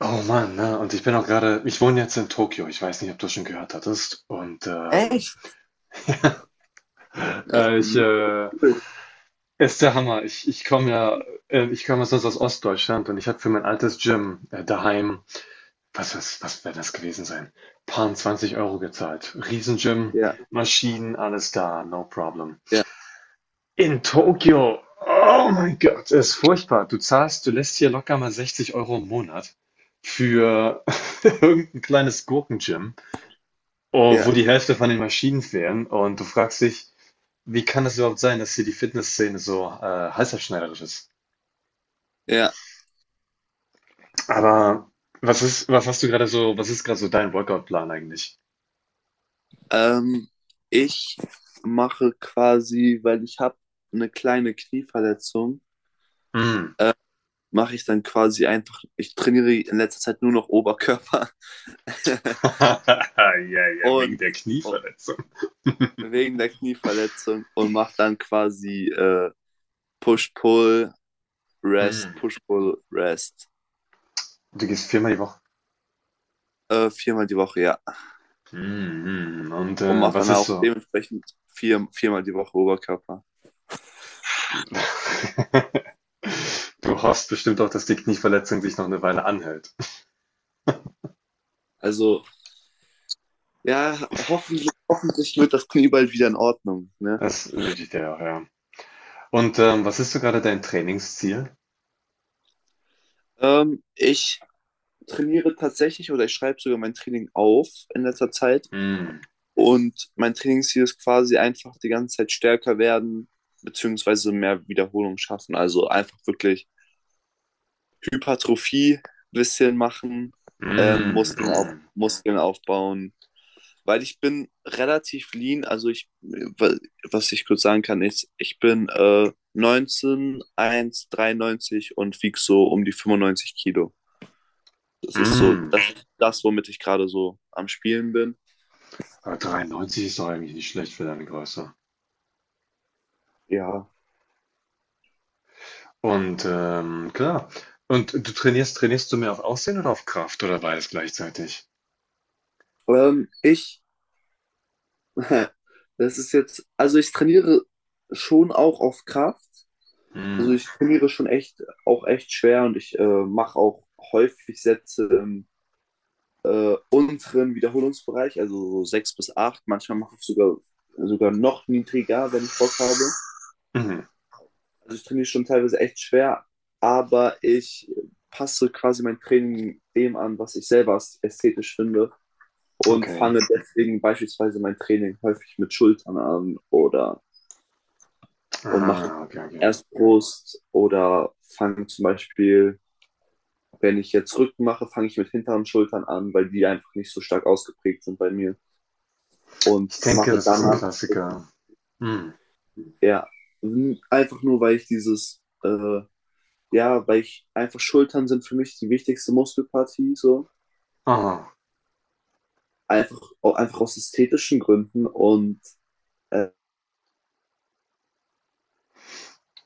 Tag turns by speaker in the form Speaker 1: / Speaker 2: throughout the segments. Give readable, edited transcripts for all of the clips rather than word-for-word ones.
Speaker 1: Oh Mann, ne? Und ich bin auch gerade, ich wohne jetzt in Tokio. Ich weiß nicht, ob du schon gehört hattest. Und
Speaker 2: Echt?
Speaker 1: ich ist der Hammer. Ich komme sonst aus Ostdeutschland und ich habe für mein altes Gym daheim. Was wäre das gewesen sein? Paar 20 Euro gezahlt. Riesengym,
Speaker 2: Ja,
Speaker 1: Maschinen, alles da, no problem.
Speaker 2: ja,
Speaker 1: In Tokio, oh mein Gott, ist furchtbar. Du zahlst, du lässt hier locker mal 60 Euro im Monat für irgendein kleines Gurkengym, oh,
Speaker 2: ja,
Speaker 1: wo die Hälfte von den Maschinen fehlen. Und du fragst dich, wie kann es überhaupt sein, dass hier die Fitnessszene so halsabschneiderisch ist?
Speaker 2: ja.
Speaker 1: Aber was ist, was hast du gerade so, was ist gerade so dein Workout-Plan eigentlich?
Speaker 2: Ähm, Ich mache quasi, weil ich habe eine kleine Knieverletzung,
Speaker 1: Hm.
Speaker 2: mache ich dann quasi einfach, ich trainiere in letzter Zeit nur noch Oberkörper
Speaker 1: Ja, ja, wegen
Speaker 2: und
Speaker 1: der
Speaker 2: oh,
Speaker 1: Knieverletzung.
Speaker 2: wegen der Knieverletzung und mache dann quasi Push-Pull, Rest,
Speaker 1: Hm.
Speaker 2: Push-Pull, Rest.
Speaker 1: Du gehst viermal die Woche.
Speaker 2: Viermal die Woche, ja.
Speaker 1: Hm, hm. Und
Speaker 2: Und mache
Speaker 1: was
Speaker 2: dann
Speaker 1: ist
Speaker 2: auch
Speaker 1: so?
Speaker 2: dementsprechend viermal die Woche Oberkörper.
Speaker 1: Du hoffst bestimmt auch, dass die Knieverletzung sich noch eine Weile anhält.
Speaker 2: Also, ja, hoffentlich wird das Knie bald wieder in Ordnung. Ne?
Speaker 1: Das wünsche ich dir auch, ja. Und was ist so gerade dein Trainingsziel?
Speaker 2: Ich trainiere tatsächlich oder ich schreibe sogar mein Training auf in letzter Zeit.
Speaker 1: Hm.
Speaker 2: Und mein Trainingsziel ist quasi einfach die ganze Zeit stärker werden, beziehungsweise mehr Wiederholung schaffen. Also einfach wirklich Hypertrophie ein bisschen machen,
Speaker 1: Mm,
Speaker 2: Muskeln, auf,
Speaker 1: mm,
Speaker 2: Muskeln aufbauen, weil ich bin relativ lean. Also ich, was ich kurz sagen kann, ist, ich bin 19, 1, 93 und wieg so um die 95 Kilo. Das ist so, das
Speaker 1: mm.
Speaker 2: ist das, womit ich gerade so am Spielen bin.
Speaker 1: Aber 93 ist doch eigentlich nicht schlecht für deine Größe.
Speaker 2: Ja.
Speaker 1: Und klar. Und trainierst du mehr auf Aussehen oder auf Kraft oder beides gleichzeitig?
Speaker 2: Ähm, ich, das ist jetzt, also ich trainiere schon auch auf Kraft. Also
Speaker 1: Mm,
Speaker 2: ich trainiere schon echt, auch echt schwer und ich mache auch häufig Sätze im unteren Wiederholungsbereich, also so 6 bis 8. Manchmal mache ich sogar noch niedriger, wenn ich Bock habe.
Speaker 1: mhm.
Speaker 2: Also ich trainiere schon teilweise echt schwer, aber ich passe quasi mein Training dem an, was ich selber ästhetisch finde und
Speaker 1: Okay.
Speaker 2: fange deswegen beispielsweise mein Training häufig mit Schultern an, oder und
Speaker 1: Aha,
Speaker 2: mache
Speaker 1: okay, okay.
Speaker 2: erst Brust. Oder fange zum Beispiel, wenn ich jetzt Rücken mache, fange ich mit hinteren Schultern an, weil die einfach nicht so stark ausgeprägt sind bei mir, und
Speaker 1: Ich denke,
Speaker 2: mache
Speaker 1: das ist ein
Speaker 2: danach,
Speaker 1: Klassiker. Mm.
Speaker 2: ja, einfach nur, weil ich dieses, ja, weil ich einfach Schultern sind für mich die wichtigste Muskelpartie, so.
Speaker 1: Aha.
Speaker 2: Einfach, einfach aus ästhetischen Gründen äh,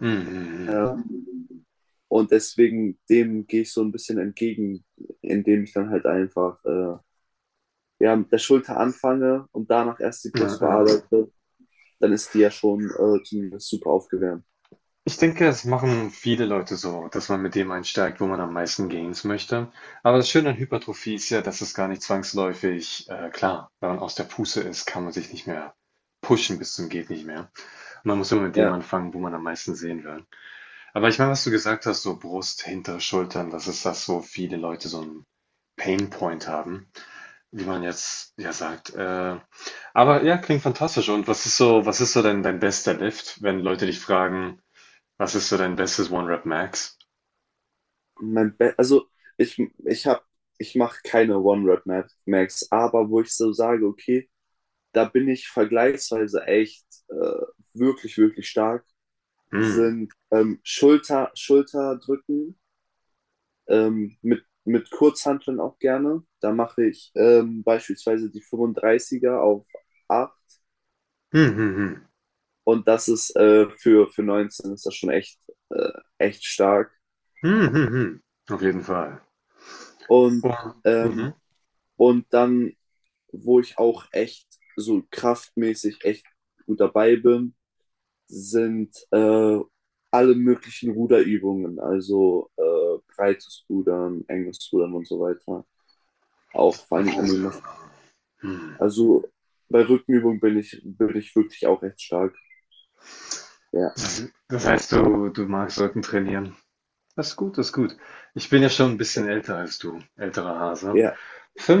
Speaker 1: Mm, mm, mm.
Speaker 2: ähm, und deswegen dem gehe ich so ein bisschen entgegen, indem ich dann halt einfach, ja, mit der Schulter anfange und danach erst die
Speaker 1: Äh, äh,
Speaker 2: Brust
Speaker 1: äh.
Speaker 2: bearbeite, dann ist die ja schon zumindest super aufgewärmt.
Speaker 1: Ich denke, das machen viele Leute so, dass man mit dem einsteigt, wo man am meisten Gains möchte. Aber das Schöne an Hypertrophie ist ja, dass es gar nicht zwangsläufig, klar, wenn man aus der Puste ist, kann man sich nicht mehr pushen bis zum geht nicht mehr. Und man muss immer mit dem
Speaker 2: Ja.
Speaker 1: anfangen, wo man am meisten sehen will. Aber ich meine, was du gesagt hast, so Brust, hintere Schultern, das ist das, wo viele Leute so einen Painpoint haben, wie man jetzt ja sagt. Aber ja, klingt fantastisch. Und was ist so dein bester Lift, wenn Leute dich fragen, was ist so dein bestes One-Rep-Max?
Speaker 2: Mein Be also ich, ich habe, ich mache keine One-Rep-Max, aber wo ich so sage, okay, da bin ich vergleichsweise echt wirklich, wirklich stark,
Speaker 1: Hm.
Speaker 2: sind Schulter, Schulterdrücken mit Kurzhanteln auch gerne. Da mache ich beispielsweise die fünfunddreißiger auf 8,
Speaker 1: Hm, hm, hm.
Speaker 2: und das ist für 19 ist das schon echt, äh, echt stark.
Speaker 1: Hm, hm, hm. Auf jeden Fall.
Speaker 2: Und,
Speaker 1: Und,
Speaker 2: ähm,
Speaker 1: mhm.
Speaker 2: und dann, wo ich auch echt so kraftmäßig echt gut dabei bin, sind alle möglichen Ruderübungen, also breites Rudern, enges Rudern und so weiter. Auch vor allen Dingen an den Maschinen.
Speaker 1: Rudern. Hm.
Speaker 2: Also bei Rückenübungen bin ich wirklich auch echt stark. Ja,
Speaker 1: Das heißt, du magst Rücken trainieren. Das ist gut, das ist gut. Ich bin ja schon ein
Speaker 2: ja,
Speaker 1: bisschen älter als du, älterer Hase.
Speaker 2: ja.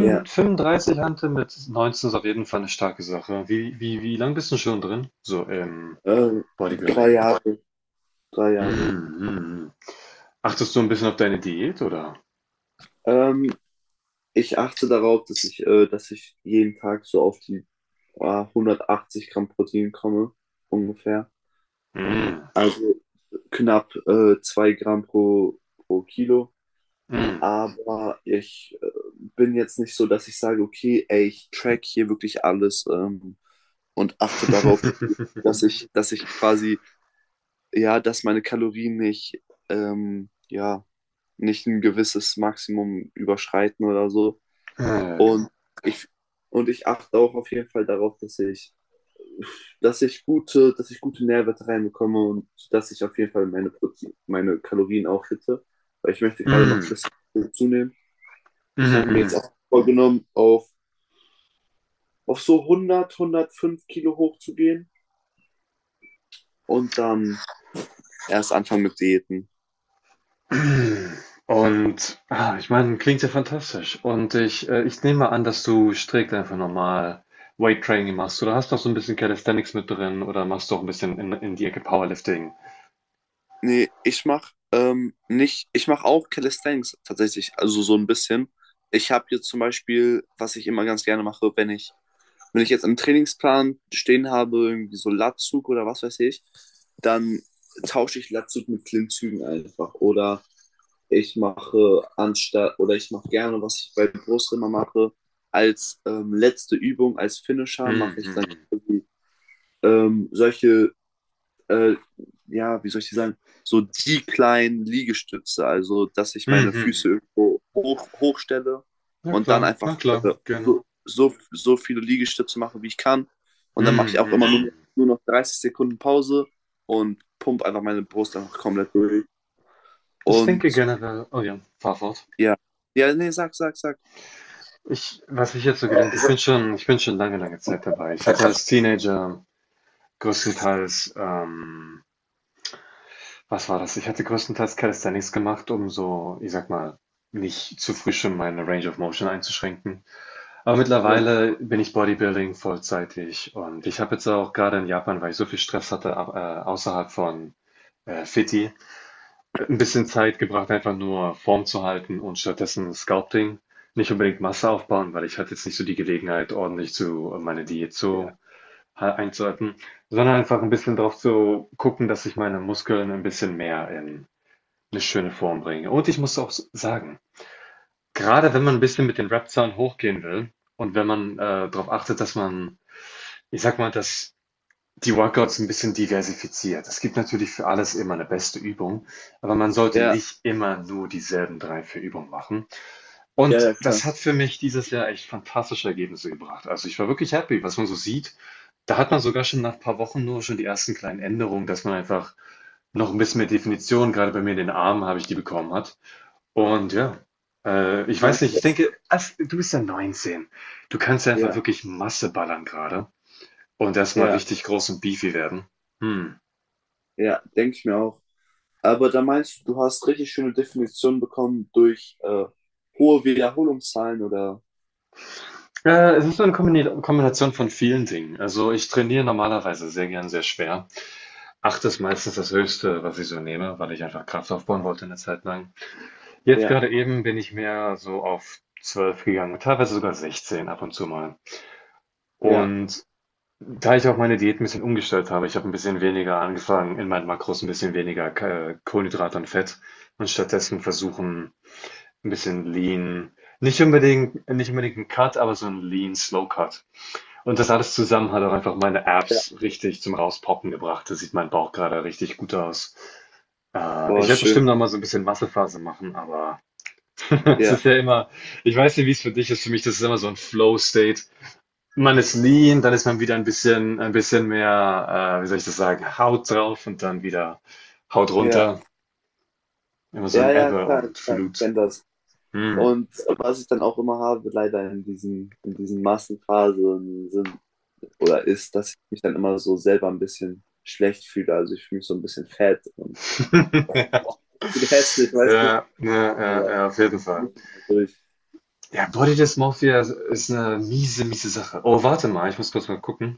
Speaker 2: Ja.
Speaker 1: fünfunddreißig Hante mit 19 ist auf jeden Fall eine starke Sache. Wie lang bist du schon drin? So im
Speaker 2: Ähm, drei
Speaker 1: Bodybuilding.
Speaker 2: Jahre, drei
Speaker 1: Hm,
Speaker 2: Jahre.
Speaker 1: hm, hm. Achtest du ein bisschen auf deine Diät, oder?
Speaker 2: Ähm, Ich achte darauf, dass ich jeden Tag so auf die 180 Gramm Protein komme, ungefähr.
Speaker 1: Hm,
Speaker 2: Also knapp 2 Gramm pro Kilo.
Speaker 1: hm.
Speaker 2: Aber ich bin jetzt nicht so, dass ich sage, okay, ey, ich track hier wirklich alles, und achte darauf, dass ich quasi, ja, dass meine Kalorien nicht, ja, nicht ein gewisses Maximum überschreiten oder so.
Speaker 1: Ja, ja,
Speaker 2: Und ich, und ich achte auch auf jeden Fall darauf, dass ich gute Nährwerte reinbekomme und dass ich auf jeden Fall meine, Protein, meine Kalorien auch hitte, weil ich möchte gerade noch ein
Speaker 1: Mhm.
Speaker 2: bisschen zunehmen. Ich habe mir jetzt
Speaker 1: Mhm,
Speaker 2: auch vorgenommen, auf so 100, 105 Kilo hochzugehen und dann erst anfangen mit Diäten.
Speaker 1: mhm. Und, ah, ich meine, klingt ja fantastisch. Und ich nehme mal an, dass du strikt einfach normal Weight Training machst oder hast noch so ein bisschen Calisthenics mit drin oder machst doch ein bisschen in die Ecke Powerlifting.
Speaker 2: Nee, ich mach nicht, ich mach auch Calisthenics tatsächlich, also so ein bisschen. Ich habe jetzt zum Beispiel, was ich immer ganz gerne mache, wenn ich jetzt im Trainingsplan stehen habe, irgendwie so Latzug oder was weiß ich, dann tausche ich Latzug mit Klimmzügen einfach. Oder ich mache gerne, was ich bei Brust immer mache, als letzte Übung, als Finisher mache ich dann
Speaker 1: Mhm.
Speaker 2: quasi, solche äh, ja, wie soll ich die sagen, so die kleinen Liegestütze, also dass ich meine Füße
Speaker 1: Mhm.
Speaker 2: irgendwo hoch, hochstelle
Speaker 1: Ja
Speaker 2: und dann
Speaker 1: klar, na
Speaker 2: einfach
Speaker 1: klar, gerne.
Speaker 2: so viele Liegestütze mache, wie ich kann. Und dann mache ich auch immer
Speaker 1: Mhm.
Speaker 2: nur noch 30 Sekunden Pause und pump einfach meine Brust einfach komplett durch.
Speaker 1: Ich
Speaker 2: Und
Speaker 1: denke generell, oh ja, fahr fort.
Speaker 2: ja, ja, nee, sag, sag, sag.
Speaker 1: Ich, was ich jetzt so gelernt, ich bin schon lange, lange Zeit dabei. Ich hatte als Teenager größtenteils was war das? Ich hatte größtenteils Calisthenics gemacht, um so, ich sag mal, nicht zu früh schon meine Range of Motion einzuschränken. Aber
Speaker 2: Ja,
Speaker 1: mittlerweile bin ich Bodybuilding vollzeitig und ich habe jetzt auch gerade in Japan, weil ich so viel Stress hatte, außerhalb von Fiti, ein bisschen Zeit gebracht, einfach nur Form zu halten und stattdessen Sculpting. Nicht unbedingt Masse aufbauen, weil ich hatte jetzt nicht so die Gelegenheit, ordentlich zu meine Diät
Speaker 2: ja,
Speaker 1: zu einzuhalten, sondern einfach ein bisschen darauf zu gucken, dass ich meine Muskeln ein bisschen mehr in eine schöne Form bringe. Und ich muss auch sagen, gerade wenn man ein bisschen mit den Rap-Zahlen hochgehen will und wenn man, drauf achtet, dass man, ich sag mal, dass die Workouts ein bisschen diversifiziert. Es gibt natürlich für alles immer eine beste Übung, aber man sollte
Speaker 2: ja,
Speaker 1: nicht immer nur dieselben 3 vier Übungen machen.
Speaker 2: ja,
Speaker 1: Und
Speaker 2: ja, klar.
Speaker 1: das hat für mich dieses Jahr echt fantastische Ergebnisse gebracht. Also, ich war wirklich happy, was man so sieht. Da hat man sogar schon nach ein paar Wochen nur schon die ersten kleinen Änderungen, dass man einfach noch ein bisschen mehr Definition gerade bei mir in den Armen habe ich die bekommen hat und ja, ich weiß nicht, ich
Speaker 2: Meinst.
Speaker 1: denke, als, du bist ja 19. Du kannst ja einfach
Speaker 2: Ja,
Speaker 1: wirklich Masse ballern gerade und erstmal
Speaker 2: ja,
Speaker 1: richtig groß und beefy werden. Hm.
Speaker 2: ja, denke ich mir auch. Aber da meinst du, du hast richtig schöne Definitionen bekommen durch hohe Wiederholungszahlen oder?
Speaker 1: Es ist so eine Kombination von vielen Dingen. Also ich trainiere normalerweise sehr gern sehr schwer. Acht ist meistens das Höchste, was ich so nehme, weil ich einfach Kraft aufbauen wollte eine Zeit lang. Jetzt
Speaker 2: Ja,
Speaker 1: gerade eben bin ich mehr so auf 12 gegangen, teilweise sogar 16 ab und zu mal.
Speaker 2: ja,
Speaker 1: Und da ich auch meine Diät ein bisschen umgestellt habe, ich habe ein bisschen weniger angefangen in meinen Makros, ein bisschen weniger Ka Kohlenhydrate und Fett und stattdessen versuchen, ein bisschen Lean, nicht unbedingt ein Cut, aber so ein Lean Slow Cut. Und das alles zusammen hat auch einfach meine
Speaker 2: ja.
Speaker 1: Abs richtig zum Rauspoppen gebracht. Da sieht mein Bauch gerade richtig gut aus. Äh,
Speaker 2: Boah,
Speaker 1: ich werde
Speaker 2: schön.
Speaker 1: bestimmt noch mal so ein bisschen Massephase machen, aber es
Speaker 2: Ja,
Speaker 1: ist ja immer, ich weiß nicht, wie es für dich ist. Für mich, das ist immer so ein Flow State. Man ist lean, dann ist man wieder ein bisschen mehr, wie soll ich das sagen, Haut drauf und dann wieder Haut
Speaker 2: ja,
Speaker 1: runter. Immer so
Speaker 2: ja,
Speaker 1: ein
Speaker 2: ja,
Speaker 1: Ebbe
Speaker 2: klar,
Speaker 1: und
Speaker 2: klar, ich
Speaker 1: Flut.
Speaker 2: kenne das.
Speaker 1: Mhm.
Speaker 2: Und was ich dann auch immer habe, leider in diesen Massenphasen sind oder ist, dass ich mich dann immer so selber ein bisschen schlecht fühle. Also ich fühle mich so ein bisschen fett und boah, das ist hässlich, weißt du?
Speaker 1: Ja, ja, ja, ja,
Speaker 2: Aber
Speaker 1: ja, auf jeden
Speaker 2: da
Speaker 1: Fall.
Speaker 2: muss ich mal durch.
Speaker 1: Ja, Body Dysmorphia ist eine miese, miese Sache. Oh, warte mal, ich muss kurz mal gucken.